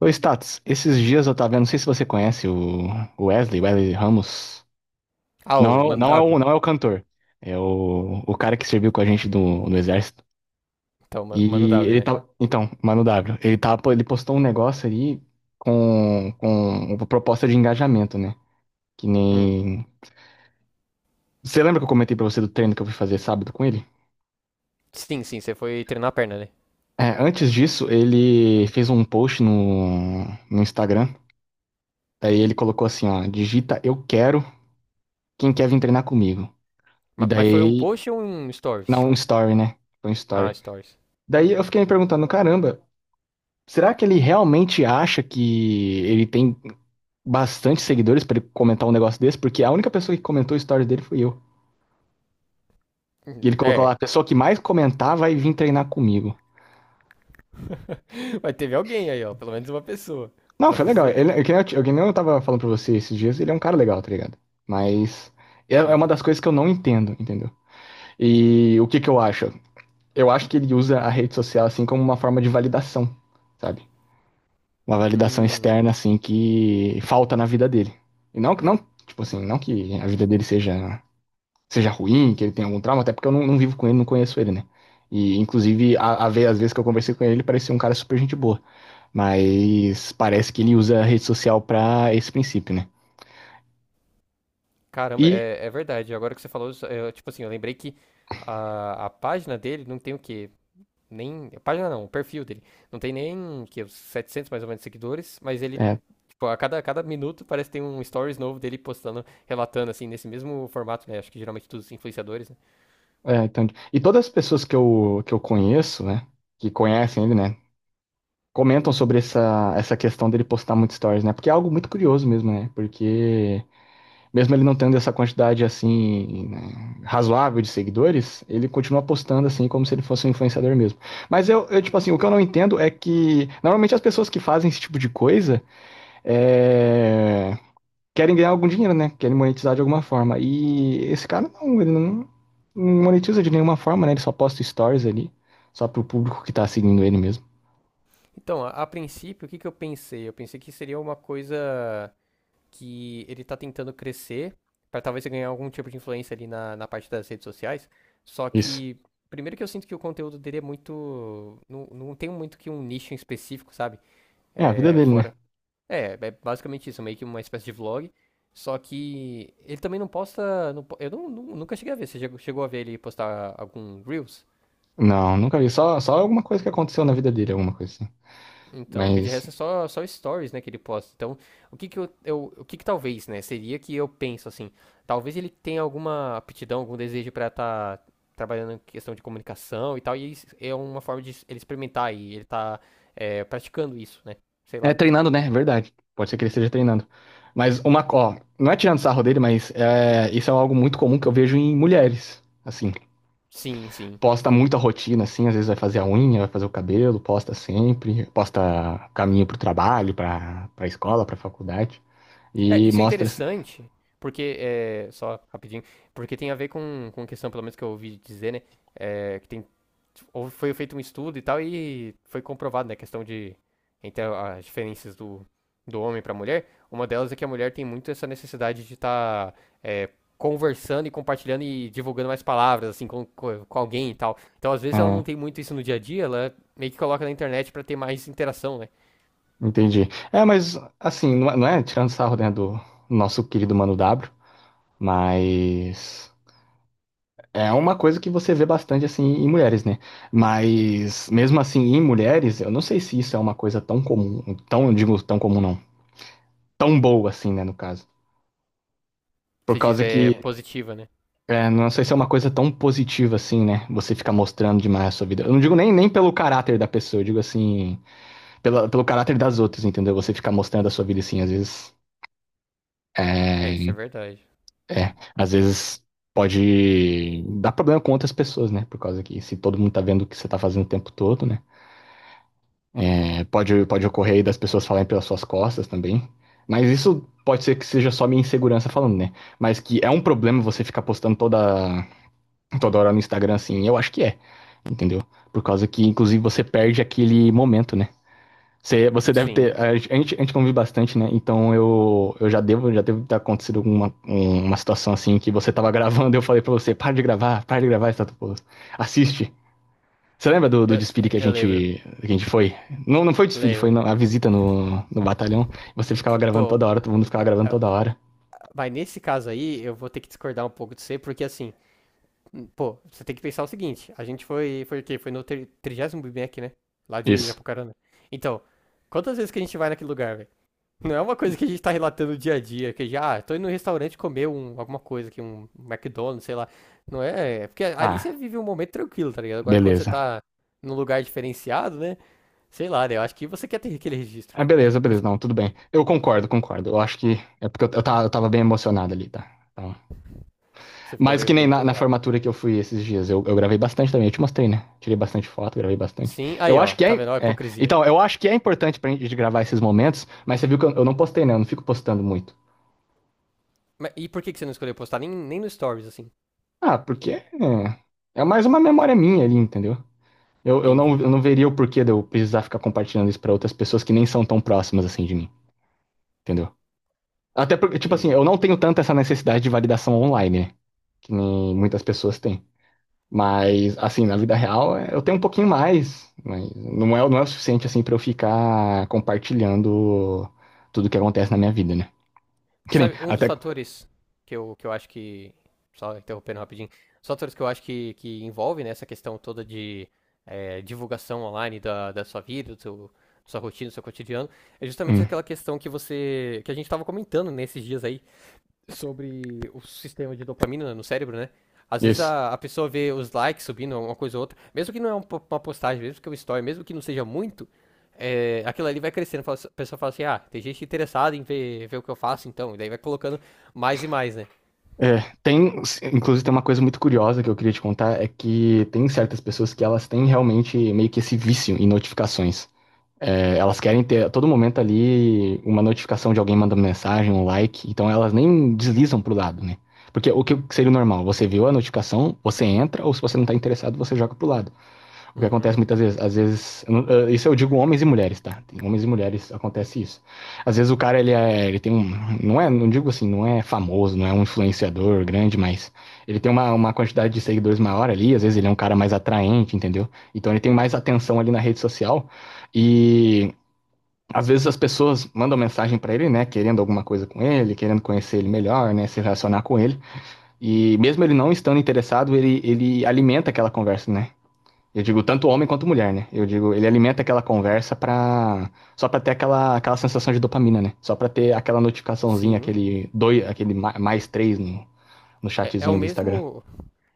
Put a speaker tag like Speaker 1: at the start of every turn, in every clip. Speaker 1: Ô, Status, esses dias eu tava vendo, não sei se você conhece o Wesley Ramos.
Speaker 2: Ah, o
Speaker 1: Não,
Speaker 2: Mano W.
Speaker 1: não é o cantor, é o cara que serviu com a gente no exército.
Speaker 2: Então, Mano W, né?
Speaker 1: Então, Mano W, ele postou um negócio ali com uma proposta de engajamento, né? Que
Speaker 2: Hum.
Speaker 1: nem... Você lembra que eu comentei pra você do treino que eu fui fazer sábado com ele?
Speaker 2: Sim, sim, você foi treinar a perna, né?
Speaker 1: É, antes disso, ele fez um post no Instagram. Daí ele colocou assim, ó, digita eu quero quem quer vir treinar comigo. E
Speaker 2: Mas foi um
Speaker 1: daí.
Speaker 2: post ou um
Speaker 1: Não,
Speaker 2: stories?
Speaker 1: um story, né? Foi um
Speaker 2: Ah,
Speaker 1: story.
Speaker 2: stories.
Speaker 1: Daí eu fiquei me perguntando, caramba, será que ele realmente acha que ele tem bastante seguidores pra ele comentar um negócio desse? Porque a única pessoa que comentou o story dele foi eu. E ele colocou lá,
Speaker 2: É.
Speaker 1: a pessoa que mais comentar vai vir treinar comigo.
Speaker 2: Mas teve alguém aí, ó. Pelo menos uma pessoa.
Speaker 1: Não,
Speaker 2: Pra
Speaker 1: foi legal.
Speaker 2: você.
Speaker 1: Ele, é que nem eu, t- é que nem eu tava falando pra você esses dias, ele é um cara legal, tá ligado? Mas é uma das
Speaker 2: Uhum.
Speaker 1: coisas que eu não entendo, entendeu? E o que que eu acho? Eu acho que ele usa a rede social assim como uma forma de validação, sabe? Uma validação
Speaker 2: Hum.
Speaker 1: externa, assim, que falta na vida dele. E não, não, tipo assim, não que a vida dele seja ruim, que ele tenha algum trauma, até porque eu não vivo com ele, não conheço ele, né? E, inclusive, às vezes que eu conversei com ele, ele parecia um cara super gente boa. Mas parece que ele usa a rede social pra esse princípio, né?
Speaker 2: Caramba,
Speaker 1: E,
Speaker 2: é, é verdade. Agora que você falou isso, eu, tipo assim, eu lembrei que a página dele não tem o quê? Nem. A página não, o perfil dele. Não tem nem que uns 700 mais ou menos seguidores, mas ele...
Speaker 1: é,
Speaker 2: Pô, a cada minuto parece que tem um stories novo dele postando, relatando, assim, nesse mesmo formato, né? Acho que geralmente todos os influenciadores, né?
Speaker 1: então, e todas as pessoas que eu conheço, né? Que conhecem ele, né? Comentam sobre essa questão dele postar muito stories, né? Porque é algo muito curioso mesmo, né? Porque mesmo ele não tendo essa quantidade assim, né, razoável de seguidores, ele continua postando assim como se ele fosse um influenciador mesmo. Mas tipo assim, o que eu não entendo é que normalmente as pessoas que fazem esse tipo de coisa é, querem ganhar algum dinheiro, né? Querem monetizar de alguma forma. E esse cara não, ele não monetiza de nenhuma forma, né? Ele só posta stories ali, só pro público que tá seguindo ele mesmo.
Speaker 2: Então, a princípio, o que que eu pensei? Eu pensei que seria uma coisa que ele tá tentando crescer pra talvez ganhar algum tipo de influência ali na, na parte das redes sociais. Só
Speaker 1: Isso.
Speaker 2: que, primeiro, que eu sinto que o conteúdo dele é muito... Não, não tem muito que um nicho em específico, sabe?
Speaker 1: É a vida
Speaker 2: É,
Speaker 1: dele, né?
Speaker 2: fora, É, é basicamente isso, é meio que uma espécie de vlog. Só que ele também não posta. Não po- eu não- nu- Nunca cheguei a ver. Você chegou a ver ele postar algum Reels?
Speaker 1: Não, nunca vi. Só alguma coisa que aconteceu na vida dele, alguma coisa assim.
Speaker 2: Então, porque de
Speaker 1: Mas
Speaker 2: resto é só, só stories, né, que ele posta. Então, o que que talvez, né, seria, que eu penso assim, talvez ele tenha alguma aptidão, algum desejo pra estar trabalhando em questão de comunicação e tal, e isso é uma forma de ele experimentar e ele tá praticando isso, né? Sei
Speaker 1: É
Speaker 2: lá.
Speaker 1: treinando, né? Verdade. Pode ser que ele esteja treinando. Mas ó, não é tirando sarro dele, mas isso é algo muito comum que eu vejo em mulheres. Assim,
Speaker 2: Sim, sim.
Speaker 1: posta muita rotina, assim, às vezes vai fazer a unha, vai fazer o cabelo, posta sempre, posta caminho pro trabalho, pra escola, pra faculdade.
Speaker 2: É,
Speaker 1: E
Speaker 2: isso é
Speaker 1: mostra assim.
Speaker 2: interessante, porque, é, só rapidinho, porque tem a ver com questão, pelo menos que eu ouvi dizer, né? É, que tem, foi feito um estudo e tal, e foi comprovado, né? A questão de, entre as diferenças do, do homem para a mulher, uma delas é que a mulher tem muito essa necessidade de estar conversando e compartilhando e divulgando mais palavras, assim, com, com alguém e tal. Então, às vezes, ela não
Speaker 1: É,
Speaker 2: tem muito isso no dia a dia, ela meio que coloca na internet para ter mais interação, né?
Speaker 1: entendi. É, mas assim, não é tirando sarro, né, do nosso querido Mano W, mas. É uma coisa que você vê bastante assim em mulheres, né? Mas mesmo assim em mulheres, eu não sei se isso é uma coisa tão comum, eu digo tão comum não, tão boa assim, né, no caso. Por
Speaker 2: Se diz,
Speaker 1: causa
Speaker 2: é,
Speaker 1: que
Speaker 2: positiva, né?
Speaker 1: não sei se é uma coisa tão positiva assim, né? Você ficar mostrando demais a sua vida. Eu não digo nem pelo caráter da pessoa, eu digo assim, pelo caráter das outras, entendeu? Você ficar mostrando a sua vida assim, às vezes
Speaker 2: É, isso é
Speaker 1: é,
Speaker 2: verdade.
Speaker 1: às vezes pode dar problema com outras pessoas, né? Por causa que se todo mundo tá vendo o que você tá fazendo o tempo todo, né? Pode ocorrer aí das pessoas falarem pelas suas costas também. Mas isso pode ser que seja só minha insegurança falando, né? Mas que é um problema você ficar postando toda hora no Instagram assim, eu acho que é, entendeu? Por causa que, inclusive, você perde aquele momento, né? Você deve ter.
Speaker 2: Sim.
Speaker 1: A gente convive bastante, né? Então eu já deve ter acontecido uma situação assim que você tava gravando e eu falei pra você, para de gravar, Status Post. Assiste. Você lembra do
Speaker 2: Eu,
Speaker 1: desfile que a
Speaker 2: eu
Speaker 1: gente,
Speaker 2: lembro.
Speaker 1: que a gente foi? Não, não foi o desfile, foi
Speaker 2: Lembro.
Speaker 1: a visita no batalhão. Você ficava gravando
Speaker 2: Pô,
Speaker 1: toda hora, todo mundo ficava gravando
Speaker 2: ah,
Speaker 1: toda hora.
Speaker 2: mas nesse caso aí, eu vou ter que discordar um pouco de você, porque assim, pô, você tem que pensar o seguinte: a gente foi, foi o quê? Foi no trigésimo Big Mac, né? Lá de
Speaker 1: Isso.
Speaker 2: Apucarana. Então, quantas vezes que a gente vai naquele lugar, velho? Não é uma coisa que a gente tá relatando dia a dia, que já, ah, tô indo no restaurante comer um, alguma coisa aqui, um McDonald's, sei lá. Não é, é, porque ali você
Speaker 1: Ah,
Speaker 2: vive um momento tranquilo, tá ligado? Agora quando você
Speaker 1: beleza.
Speaker 2: tá num lugar diferenciado, né? Sei lá, né? Eu acho que você quer ter aquele registro.
Speaker 1: Ah, beleza,
Speaker 2: Acho
Speaker 1: beleza,
Speaker 2: que
Speaker 1: não, tudo bem. Eu concordo, concordo. Eu acho que é porque eu tava bem emocionado ali, tá? Então,
Speaker 2: você ficou
Speaker 1: mas
Speaker 2: bem
Speaker 1: que nem
Speaker 2: bem
Speaker 1: na
Speaker 2: empolgado.
Speaker 1: formatura que eu fui esses dias, eu gravei bastante também, eu te mostrei, né? Tirei bastante foto, gravei bastante.
Speaker 2: Sim,
Speaker 1: Eu
Speaker 2: aí ó,
Speaker 1: acho que
Speaker 2: tá
Speaker 1: é,
Speaker 2: vendo? Ó a
Speaker 1: é.
Speaker 2: hipocrisia.
Speaker 1: Então, eu acho que é importante pra gente gravar esses momentos, mas você viu que eu não postei, né? Eu não fico postando muito.
Speaker 2: Mas, e por que que você não escolheu postar nem, nem no Stories, assim?
Speaker 1: Ah, porque é mais uma memória minha ali, entendeu?
Speaker 2: Entendi,
Speaker 1: Eu não veria o porquê de eu precisar ficar compartilhando isso pra outras pessoas que nem são tão próximas assim de mim, entendeu? Até porque, tipo assim, eu
Speaker 2: entendi.
Speaker 1: não tenho tanto essa necessidade de validação online, né? Que nem muitas pessoas têm. Mas, assim, na vida real, eu tenho um pouquinho mais, mas não é o suficiente, assim, pra eu ficar compartilhando tudo que acontece na minha vida, né? Que nem,
Speaker 2: Sabe, um dos
Speaker 1: até.
Speaker 2: fatores que eu acho que... Só interrompendo rapidinho. Os fatores que eu acho que envolve, né, essa questão toda de divulgação online da, da sua vida, do seu, da sua rotina, do seu cotidiano, é justamente
Speaker 1: Hum,
Speaker 2: aquela questão que você... que a gente tava comentando nesses dias aí, sobre o sistema de dopamina no cérebro, né? Às vezes
Speaker 1: isso.
Speaker 2: a pessoa vê os likes subindo, uma coisa ou outra, mesmo que não é um... uma postagem, mesmo que é um story, mesmo que não seja muito, é, aquilo ali vai crescendo. A pessoa fala assim: ah, tem gente interessada em ver, ver o que eu faço, então. E daí vai colocando mais e mais, né?
Speaker 1: É, tem, Inclusive tem uma coisa muito curiosa que eu queria te contar, é que tem certas pessoas que elas têm realmente meio que esse vício em notificações. É, elas querem ter a todo momento ali uma notificação de alguém mandando mensagem, um like, então elas nem deslizam pro lado, né? Porque o que seria o normal? Você viu a notificação, você entra, ou se você não tá interessado, você joga pro lado. O que
Speaker 2: Uhum.
Speaker 1: acontece muitas vezes, às vezes, eu não- eh, isso eu digo homens e mulheres, tá? Tem homens e mulheres acontece isso. Às vezes o cara ele tem não é, não digo assim, não é famoso, não é um influenciador grande, mas ele tem uma quantidade de seguidores maior ali, às vezes ele é um cara mais atraente, entendeu? Então ele tem mais atenção ali na rede social e às vezes as pessoas mandam mensagem pra ele, né, querendo alguma coisa com ele, querendo conhecer ele melhor, né, se relacionar com ele. E mesmo ele não estando interessado, ele alimenta aquela conversa, né? Eu digo tanto homem quanto mulher, né? Eu digo, ele alimenta aquela conversa pra... Só pra ter aquela sensação de dopamina, né? Só pra ter aquela notificaçãozinha,
Speaker 2: Sim.
Speaker 1: aquele, dois, mais três no
Speaker 2: É, é o
Speaker 1: chatzinho do Instagram.
Speaker 2: mesmo.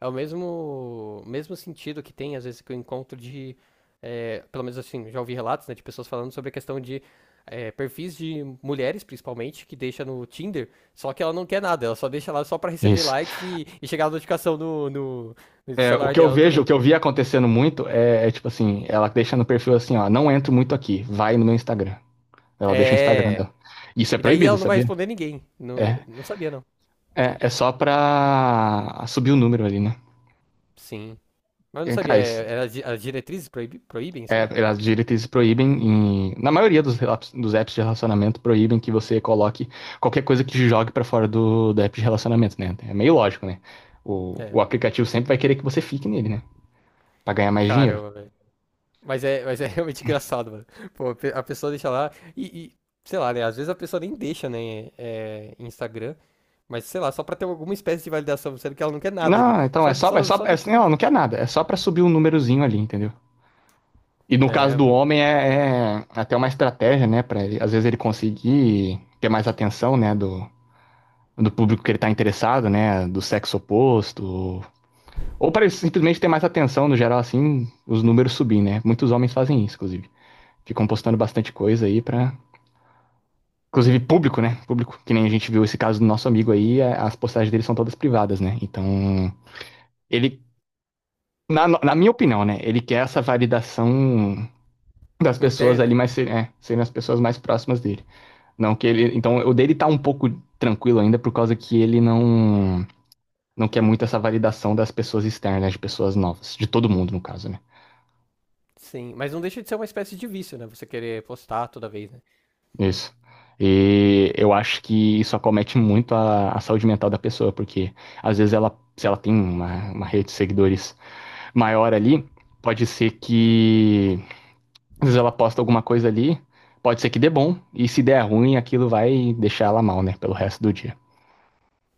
Speaker 2: É o mesmo, mesmo sentido que tem, às vezes, que eu encontro de... é, pelo menos assim, já ouvi relatos, né, de pessoas falando sobre a questão de perfis de mulheres, principalmente, que deixa no Tinder, só que ela não quer nada, ela só deixa lá só pra receber
Speaker 1: Isso.
Speaker 2: likes e chegar a notificação no, no, no
Speaker 1: É,
Speaker 2: celular dela
Speaker 1: o
Speaker 2: também.
Speaker 1: que eu vi acontecendo muito é tipo assim, ela deixa no perfil assim, ó, não entro muito aqui, vai no meu Instagram. Ela deixa o Instagram
Speaker 2: É.
Speaker 1: dela. Isso é
Speaker 2: E daí
Speaker 1: proibido,
Speaker 2: ela não vai
Speaker 1: sabia?
Speaker 2: responder ninguém. Não,
Speaker 1: É,
Speaker 2: não sabia, não.
Speaker 1: É só pra subir o número ali, né?
Speaker 2: Sim. Mas eu não
Speaker 1: É,
Speaker 2: sabia,
Speaker 1: cara,
Speaker 2: é, é, as as diretrizes proíbem isso
Speaker 1: é,
Speaker 2: aí?
Speaker 1: as diretrizes na maioria dos apps de relacionamento, proíbem que você coloque qualquer coisa que te jogue pra fora do app de relacionamento, né? É meio lógico, né? O
Speaker 2: É.
Speaker 1: aplicativo sempre vai querer que você fique nele, né? Pra ganhar mais dinheiro.
Speaker 2: Caramba, velho. Mas é realmente engraçado, mano. Pô, a a pessoa deixa lá e, sei lá, né? Às vezes a pessoa nem deixa, né? É, em Instagram, mas sei lá, só pra ter alguma espécie de validação, sendo que ela não quer nada ali.
Speaker 1: Não, então
Speaker 2: Só,
Speaker 1: é
Speaker 2: só,
Speaker 1: só,
Speaker 2: só
Speaker 1: é, assim,
Speaker 2: deixou
Speaker 1: não,
Speaker 2: ali.
Speaker 1: não quer nada. É só pra subir um númerozinho ali, entendeu? E no caso
Speaker 2: É,
Speaker 1: do
Speaker 2: mano.
Speaker 1: homem é até uma estratégia, né? Para às vezes ele conseguir ter mais atenção, né? Do público que ele tá interessado, né? Do sexo oposto, ou para eles simplesmente ter mais atenção no geral, assim, os números subir, né? Muitos homens fazem isso, inclusive. Ficam postando bastante coisa aí pra. Inclusive público, né? Público. Que nem a gente viu esse caso do nosso amigo aí, é, as postagens dele são todas privadas, né? Então, ele. Na minha opinião, né? Ele quer essa validação das pessoas ali
Speaker 2: Interna,
Speaker 1: mais, serem as pessoas mais próximas dele. Não que ele. Então, o dele tá um pouco tranquilo ainda por causa que ele não. Não quer muito essa validação das pessoas externas, né? De pessoas novas. De todo mundo, no caso, né?
Speaker 2: sim. Mas não deixa de ser uma espécie de vício, né? Você querer postar toda vez, né?
Speaker 1: Isso. E eu acho que isso acomete muito a saúde mental da pessoa, porque às vezes se ela tem uma rede de seguidores maior ali, pode ser que às vezes ela posta alguma coisa ali, pode ser que dê bom, e se der ruim, aquilo vai deixar ela mal, né, pelo resto do dia.